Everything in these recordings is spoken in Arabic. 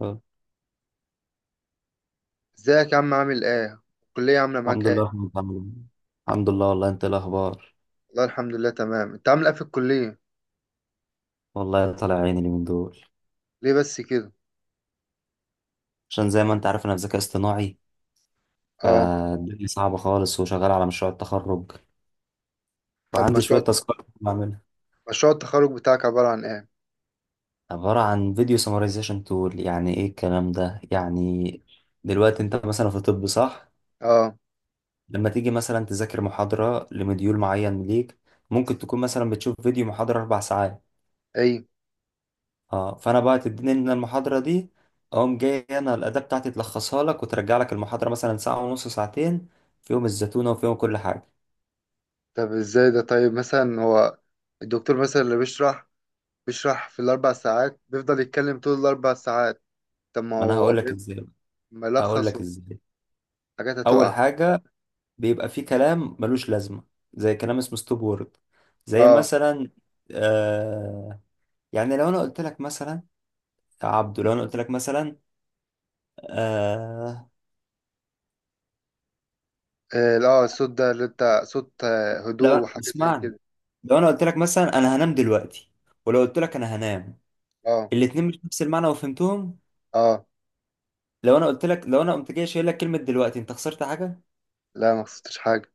آه. ازيك يا عم، عامل ايه؟ الكلية عاملة معاك الحمد ايه؟ لله الحمد لله. الحمد لله والله. انت إيه الاخبار؟ والله الحمد لله تمام، انت عامل ايه في الكلية؟ والله طالع عيني اليومين دول ليه بس كده؟ عشان زي ما انت عارف انا في ذكاء اصطناعي، اه. فالدنيا صعبة خالص وشغال على مشروع التخرج طب وعندي شوية مشروع تاسكات بعملها. مشروع التخرج بتاعك عبارة عن ايه؟ عبارة عن فيديو سمرايزيشن تول. يعني ايه الكلام ده؟ يعني دلوقتي انت مثلا في طب، صح؟ اه. لما تيجي مثلا تذاكر محاضرة لمديول معين ليك، ممكن تكون مثلا بتشوف فيديو محاضرة أربع ساعات. ايه. اه، فانا بقى تديني ان المحاضره دي، اقوم جاي انا الاداه بتاعتي تلخصها لك وترجع لك المحاضره مثلا ساعه ونص ساعتين، فيهم الزتونه وفيهم كل حاجه. طب ازاي ده؟ طيب مثلا هو الدكتور مثلا اللي بيشرح في 4 ساعات بيفضل يتكلم طول 4 ساعات؟ طب ما ما انا هو هقول لك ازاي بقى. هقول ملخص لك ازاي. وحاجات اول هتقع. حاجه، بيبقى في كلام ملوش لازمه زي كلام اسمه ستوب وورد. زي اه. مثلا، آه يعني لو انا قلت لك مثلا، يا عبدو، لو انا قلت لك مثلا، آه إيه، لا الصوت ده اللي انت صوت لو هدوء وحاجات زي اسمعني، كده. لو انا قلت لك مثلا انا هنام دلوقتي، ولو قلت لك انا هنام، اه. الاتنين مش نفس المعنى وفهمتهم. اه. لو انا قلت لك، لو انا قمت جاي شايل لك كلمه دلوقتي، انت خسرت حاجه؟ لا ما قصدتش حاجة.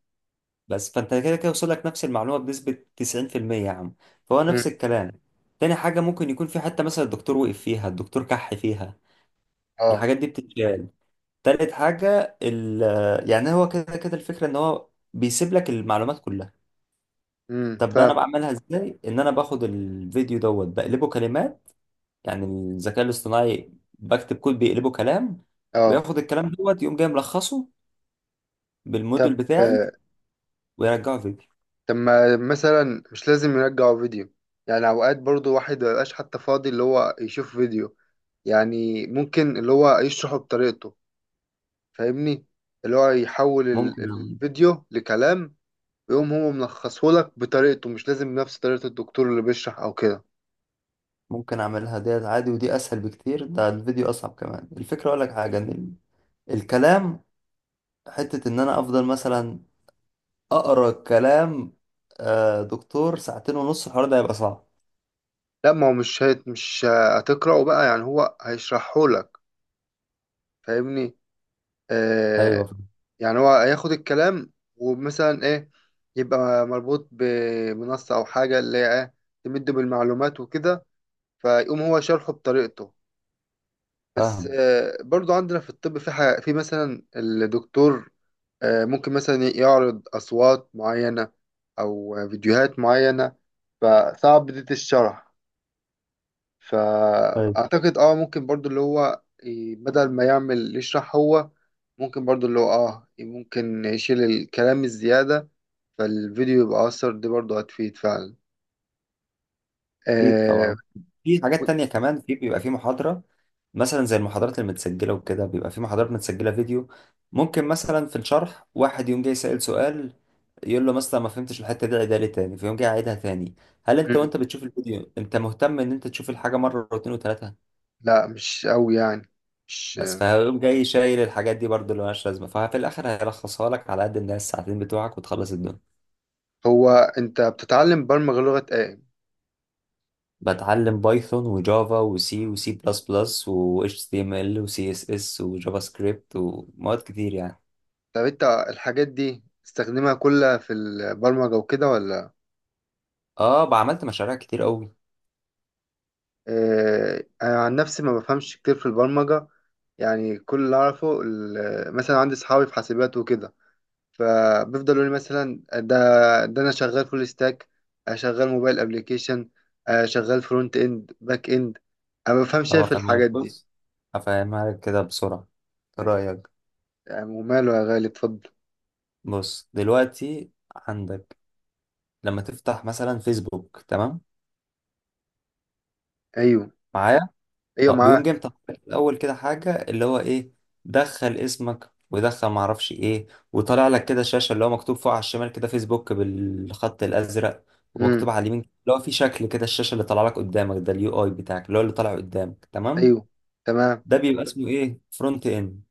بس فانت كده كده وصل لك نفس المعلومه بنسبه 90%. يا عم، فهو مم. نفس الكلام. تاني حاجه، ممكن يكون في حته مثلا الدكتور وقف فيها، الدكتور كح فيها، اه. الحاجات دي بتتشال. تالت حاجه ال، يعني هو كده كده الفكره ان هو بيسيب لك المعلومات كلها. طب انا فاهم. بعملها ازاي؟ ان انا باخد الفيديو دوت بقلبه كلمات، يعني الذكاء الاصطناعي، بكتب كود بيقلبه كلام، اه. وياخد الكلام دوت يقوم جاي ملخصه بالموديل طب بتاعي، ويرجعوا فيديو. طب ما مثلا مش لازم يرجعوا فيديو؟ يعني اوقات برضو واحد مبيبقاش حتى فاضي اللي هو يشوف فيديو. يعني ممكن اللي هو يشرحه بطريقته، فاهمني؟ اللي هو يحول ممكن أعمل-، الفيديو لكلام، ويقوم هو ملخصهولك بطريقته، مش لازم نفس طريقة الدكتور اللي بيشرح او كده. ممكن اعملها ديت عادي، ودي اسهل بكتير، ده الفيديو اصعب كمان. الفكره اقول لك حاجه ان ال-، الكلام، حته ان انا افضل مثلا اقرا كلام دكتور ساعتين ونص، الحوار ده هيبقى صعب. لا ما هو مش هتقرأه بقى، يعني هو هيشرحهولك، فاهمني؟ آه، ايوه. يعني هو هياخد الكلام ومثلا ايه، يبقى مربوط بمنصة او حاجة اللي هي ايه، تمده بالمعلومات وكده، فيقوم هو شرحه بطريقته. بس فاهم. برضو عندنا في الطب في حاجة، في مثلا الدكتور ممكن مثلا يعرض أصوات معينة أو فيديوهات معينة، فصعب دي الشرح. فاهم. فأعتقد اه ممكن برضو اللي هو بدل ما يعمل يشرح هو، ممكن برضو اللي هو اه ممكن يشيل الكلام الزيادة، فالفيديو يبقى أثر دي برضو هتفيد فعلا. مم. اكيد آه. طبعا. في و... حاجات تانية كمان، في بيبقى في محاضرة مثلا زي المحاضرات المتسجلة وكده، بيبقى في محاضرات متسجلة فيديو، ممكن مثلا في الشرح واحد يوم جاي سأل سؤال، يقول له مثلا ما فهمتش الحتة دي، عيدها لي تاني، فيقوم جاي عيدها تاني. هل انت مم. وانت بتشوف الفيديو انت مهتم ان انت تشوف الحاجة مرة واتنين وتلاتة؟ لا مش أوي يعني، مش. بس فهيقوم جاي شايل الحاجات دي برضه اللي مالهاش لازمة، ففي الآخر هيلخصها لك على قد الناس الساعتين بتوعك، وتخلص الدنيا. هو أنت بتتعلم برمجة لغة إيه؟ بتعلم بايثون وجافا وسي وسي بلس بلس و HTML و CSS وجافا سكريبت ومواد كتير يعني. طب أنت الحاجات دي تستخدمها كلها في البرمجة وكده ولا؟ اه بعملت مشاريع كتير قوي. آه، أنا عن نفسي ما بفهمش كتير في البرمجة. يعني كل اللي أعرفه مثلا عندي صحابي في حاسبات وكده، فبيفضلوا يقولوا لي مثلا ده، انا شغال فول ستاك، شغال موبايل ابلكيشن، شغال فرونت اند باك اند، انا ما بفهمش إيه اه، في فاهمها لك. الحاجات دي. بص، هفهمها لك كده بسرعة. إيه رأيك؟ يعني وماله يا غالي، اتفضل. بص دلوقتي، عندك لما تفتح مثلا فيسبوك، تمام؟ ايوه. معايا. ايوه اه، بيقوم معاه. جاي مطلع لك في الاول كده حاجه اللي هو ايه، دخل اسمك ودخل معرفش ايه، وطالع لك كده شاشه اللي هو مكتوب فوق على الشمال كده فيسبوك بالخط الازرق، ومكتوب امم. على اليمين اللي هو في شكل كده. الشاشه اللي طالع لك قدامك ده اليو اي بتاعك، اللي هو اللي طالع قدامك، تمام؟ ايوه. تمام. ده بيبقى اسمه ايه، فرونت اند.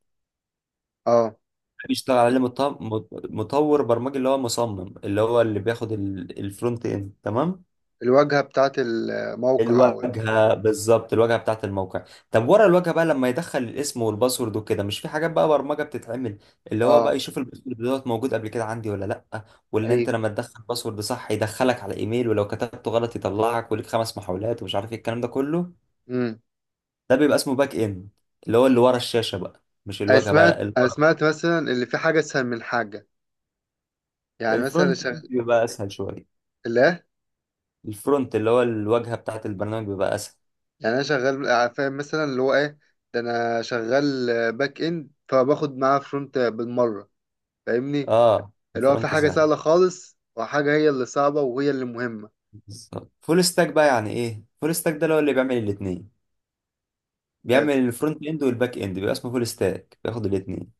اه. ده بيشتغل عليه مطور برمجي، اللي هو مصمم، اللي هو اللي بياخد الفرونت اند، تمام. الواجهه بتاعت الموقع او الواجهه البرنامج. بالظبط، الواجهه بتاعت الموقع. طب ورا الواجهه بقى، لما يدخل الاسم والباسورد وكده، مش في حاجات بقى برمجه بتتعمل؟ اللي هو اه. بقى يشوف الباسورد دوت موجود قبل كده عندي ولا لا، وان انت ايوه. لما تدخل باسورد صح يدخلك على ايميل، ولو كتبته غلط يطلعك وليك خمس محاولات، ومش عارف ايه الكلام ده كله. امم. ده بيبقى اسمه باك اند، اللي هو اللي ورا الشاشه بقى، مش انا الواجهه بقى، لا سمعت، اللي ورا. مثلا اللي في حاجه اسهل من حاجه. يعني مثلا اللي الفرونت إند بيبقى اسهل شويه. شغال، الفرونت اللي هو الواجهه بتاعت البرنامج بيبقى اسهل. يعني انا شغال فاهم مثلا اللي هو ايه، ده انا شغال باك اند فباخد معاه فرونت بالمره، فاهمني؟ اه، اللي هو في الفرونت حاجه سهل. سهله خالص وحاجه هي اللي صعبه وهي اللي مهمه. بالظبط. فول ستاك بقى يعني ايه؟ فول ستاك ده اللي هو اللي بيعمل الاثنين، آه، بيعمل ف- الفرونت اند والباك اند، بيبقى اسمه فول ستاك، بياخد الاثنين.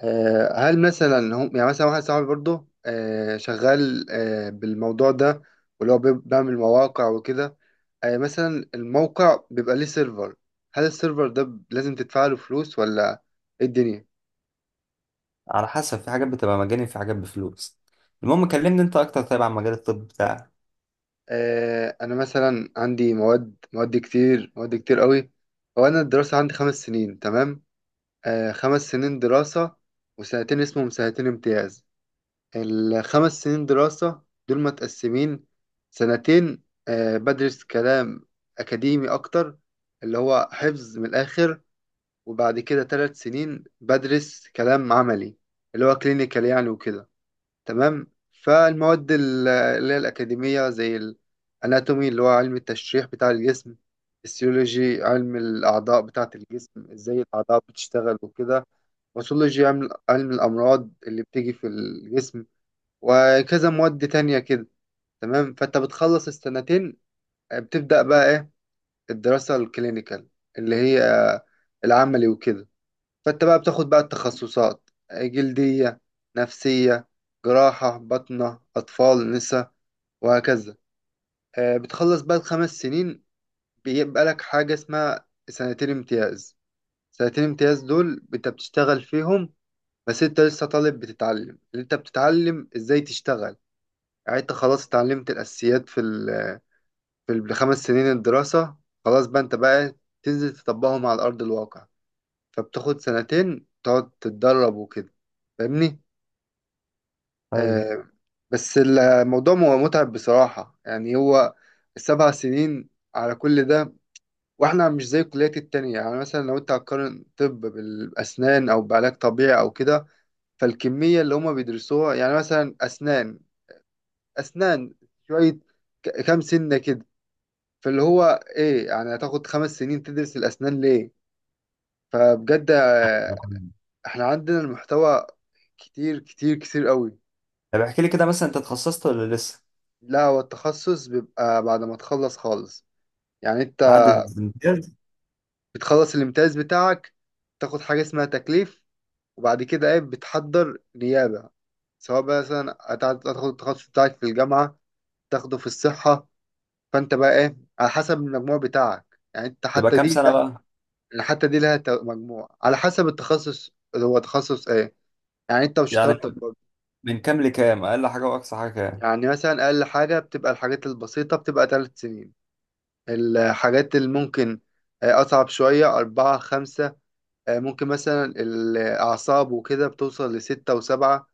هل مثلا هم، يعني مثلا واحد صاحبي برضه شغال بالموضوع ده، واللي هو بيعمل مواقع وكده، مثلا الموقع بيبقى ليه سيرفر، هل السيرفر ده لازم تدفع له فلوس ولا، ايه الدنيا؟ على حسب، في حاجات بتبقى مجاني، في حاجات بفلوس. المهم كلمني انت اكتر، طيب، عن مجال الطب بتاعك. انا مثلا عندي مواد، مواد كتير قوي. هو انا الدراسه عندي 5 سنين، تمام؟ 5 سنين دراسه، وسنتين اسمهم سنتين امتياز. الـ5 سنين دراسه دول متقسمين، سنتين بدرس كلام اكاديمي اكتر، اللي هو حفظ من الاخر، وبعد كده 3 سنين بدرس كلام عملي، اللي هو كلينيكال يعني وكده، تمام؟ فالمواد اللي هي الأكاديمية زي الأناتومي، اللي هو علم التشريح بتاع الجسم، السيولوجي علم الأعضاء بتاعة الجسم إزاي الأعضاء بتشتغل وكده، باثولوجي علم الأمراض اللي بتيجي في الجسم، وكذا مواد تانية كده، تمام. فأنت بتخلص الـسنتين، بتبدأ بقى إيه، الدراسة الكلينيكال، اللي هي العملي وكده. فانت بقى بتاخد بقى التخصصات: جلدية، نفسية، جراحة، بطنة، أطفال، نساء، وهكذا. بتخلص بقى الـ5 سنين، بيبقى لك حاجة اسمها سنتين امتياز. سنتين امتياز دول انت بتشتغل فيهم، بس انت لسه طالب بتتعلم اللي انت بتتعلم ازاي تشتغل. يعني انت خلاص اتعلمت الأساسيات في في الـ5 سنين الدراسة، خلاص بقى انت بقى تنزل تطبقهم على أرض الواقع. فبتاخد سنتين تقعد تتدرب وكده، فاهمني؟ ايوه. آه. بس الموضوع متعب بصراحة، يعني هو الـ7 سنين على كل ده، واحنا مش زي الكليات التانية. يعني مثلا لو انت هتقارن طب بالأسنان أو بعلاج طبيعي أو كده، فالكمية اللي هما بيدرسوها، يعني مثلا أسنان، أسنان شوية، كام سنة كده، فاللي هو ايه، يعني هتاخد 5 سنين تدرس الأسنان ليه؟ فبجد احنا عندنا المحتوى كتير كتير كتير قوي. طب احكي لي كده، مثلا انت اتخصصت ولا لسه؟ لا هو التخصص بيبقى بعد ما تخلص خالص. يعني انت بعد الامتياز بتخلص الامتياز بتاعك، تاخد حاجة اسمها تكليف، وبعد كده ايه بتحضر نيابة، سواء بقى مثلا هتاخد التخصص بتاعك في الجامعة، تاخده في الصحة. فانت بقى ايه على حسب المجموع بتاعك، يعني انت تبقى حتى كام دي سنة بقى، بقى؟ يعني حتى دي لها مجموع على حسب التخصص اللي هو تخصص ايه، يعني انت يعني وشطارتك برضه. من كام لكام، اقل حاجة واقصى حاجة كام؟ يعني مثلا اقل حاجة بتبقى الحاجات البسيطة بتبقى 3 سنين، الحاجات اللي ممكن أصعب شوية 4 5، ممكن مثلا الأعصاب وكده بتوصل لـ6 و7.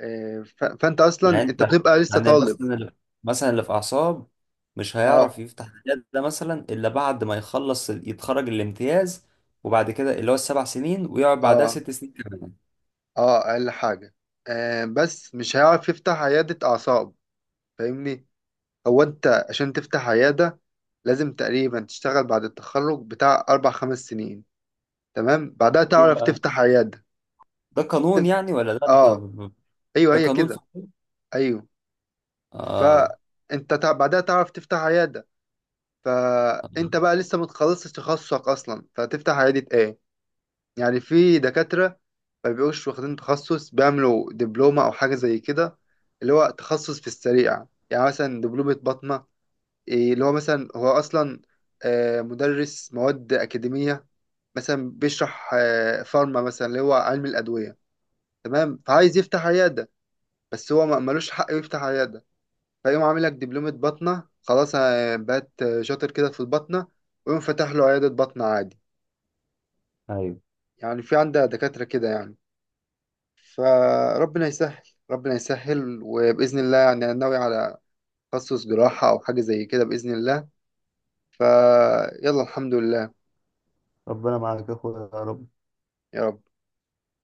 فأنت أصلا يعني انت، أنت بتبقى لسه يعني طالب. مثلا اللي-، مثلا اللي في اعصاب مش أه. هيعرف يفتح عيادة ده مثلا الا بعد ما يخلص يتخرج الامتياز، وبعد كده اللي هو السبع سنين، ويقعد بعدها أه. ست سنين كمان؟ أه أقل حاجة، بس مش هيعرف يفتح عيادة أعصاب، فاهمني؟ هو أنت عشان تفتح عيادة لازم تقريبا تشتغل بعد التخرج بتاع 4 5 سنين، تمام، بعدها ليه تعرف بقى؟ تفتح عيادة. ده قانون يعني ولا ده انت؟ أه. أيوه ده هي قانون في كده. الطب؟ أيوه. اه. فانت بعدها تعرف تفتح عياده، فانت بقى لسه ما تخلصتش تخصصك اصلا، فتفتح عياده ايه؟ يعني في دكاتره ما بيبقوش واخدين تخصص، بيعملوا دبلومه او حاجه زي كده، اللي هو تخصص في السريع. يعني مثلا دبلومه باطنه، إيه اللي هو مثلا هو اصلا مدرس مواد اكاديميه، مثلا بيشرح فارما مثلا اللي هو علم الادويه، تمام، فعايز يفتح عياده، بس هو ملوش حق يفتح عياده، فيقوم عامل لك دبلومة بطنة، خلاص بقت شاطر كده في البطنة، ويقوم فاتح له عيادة بطنة عادي. ايوه. يعني في عندها دكاترة كده يعني، فربنا يسهل. ربنا يسهل، وبإذن الله يعني أنا ناوي على تخصص جراحة أو حاجة زي كده بإذن الله. فيلا الحمد لله. ربنا معاك يا اخويا، يا رب. يا رب.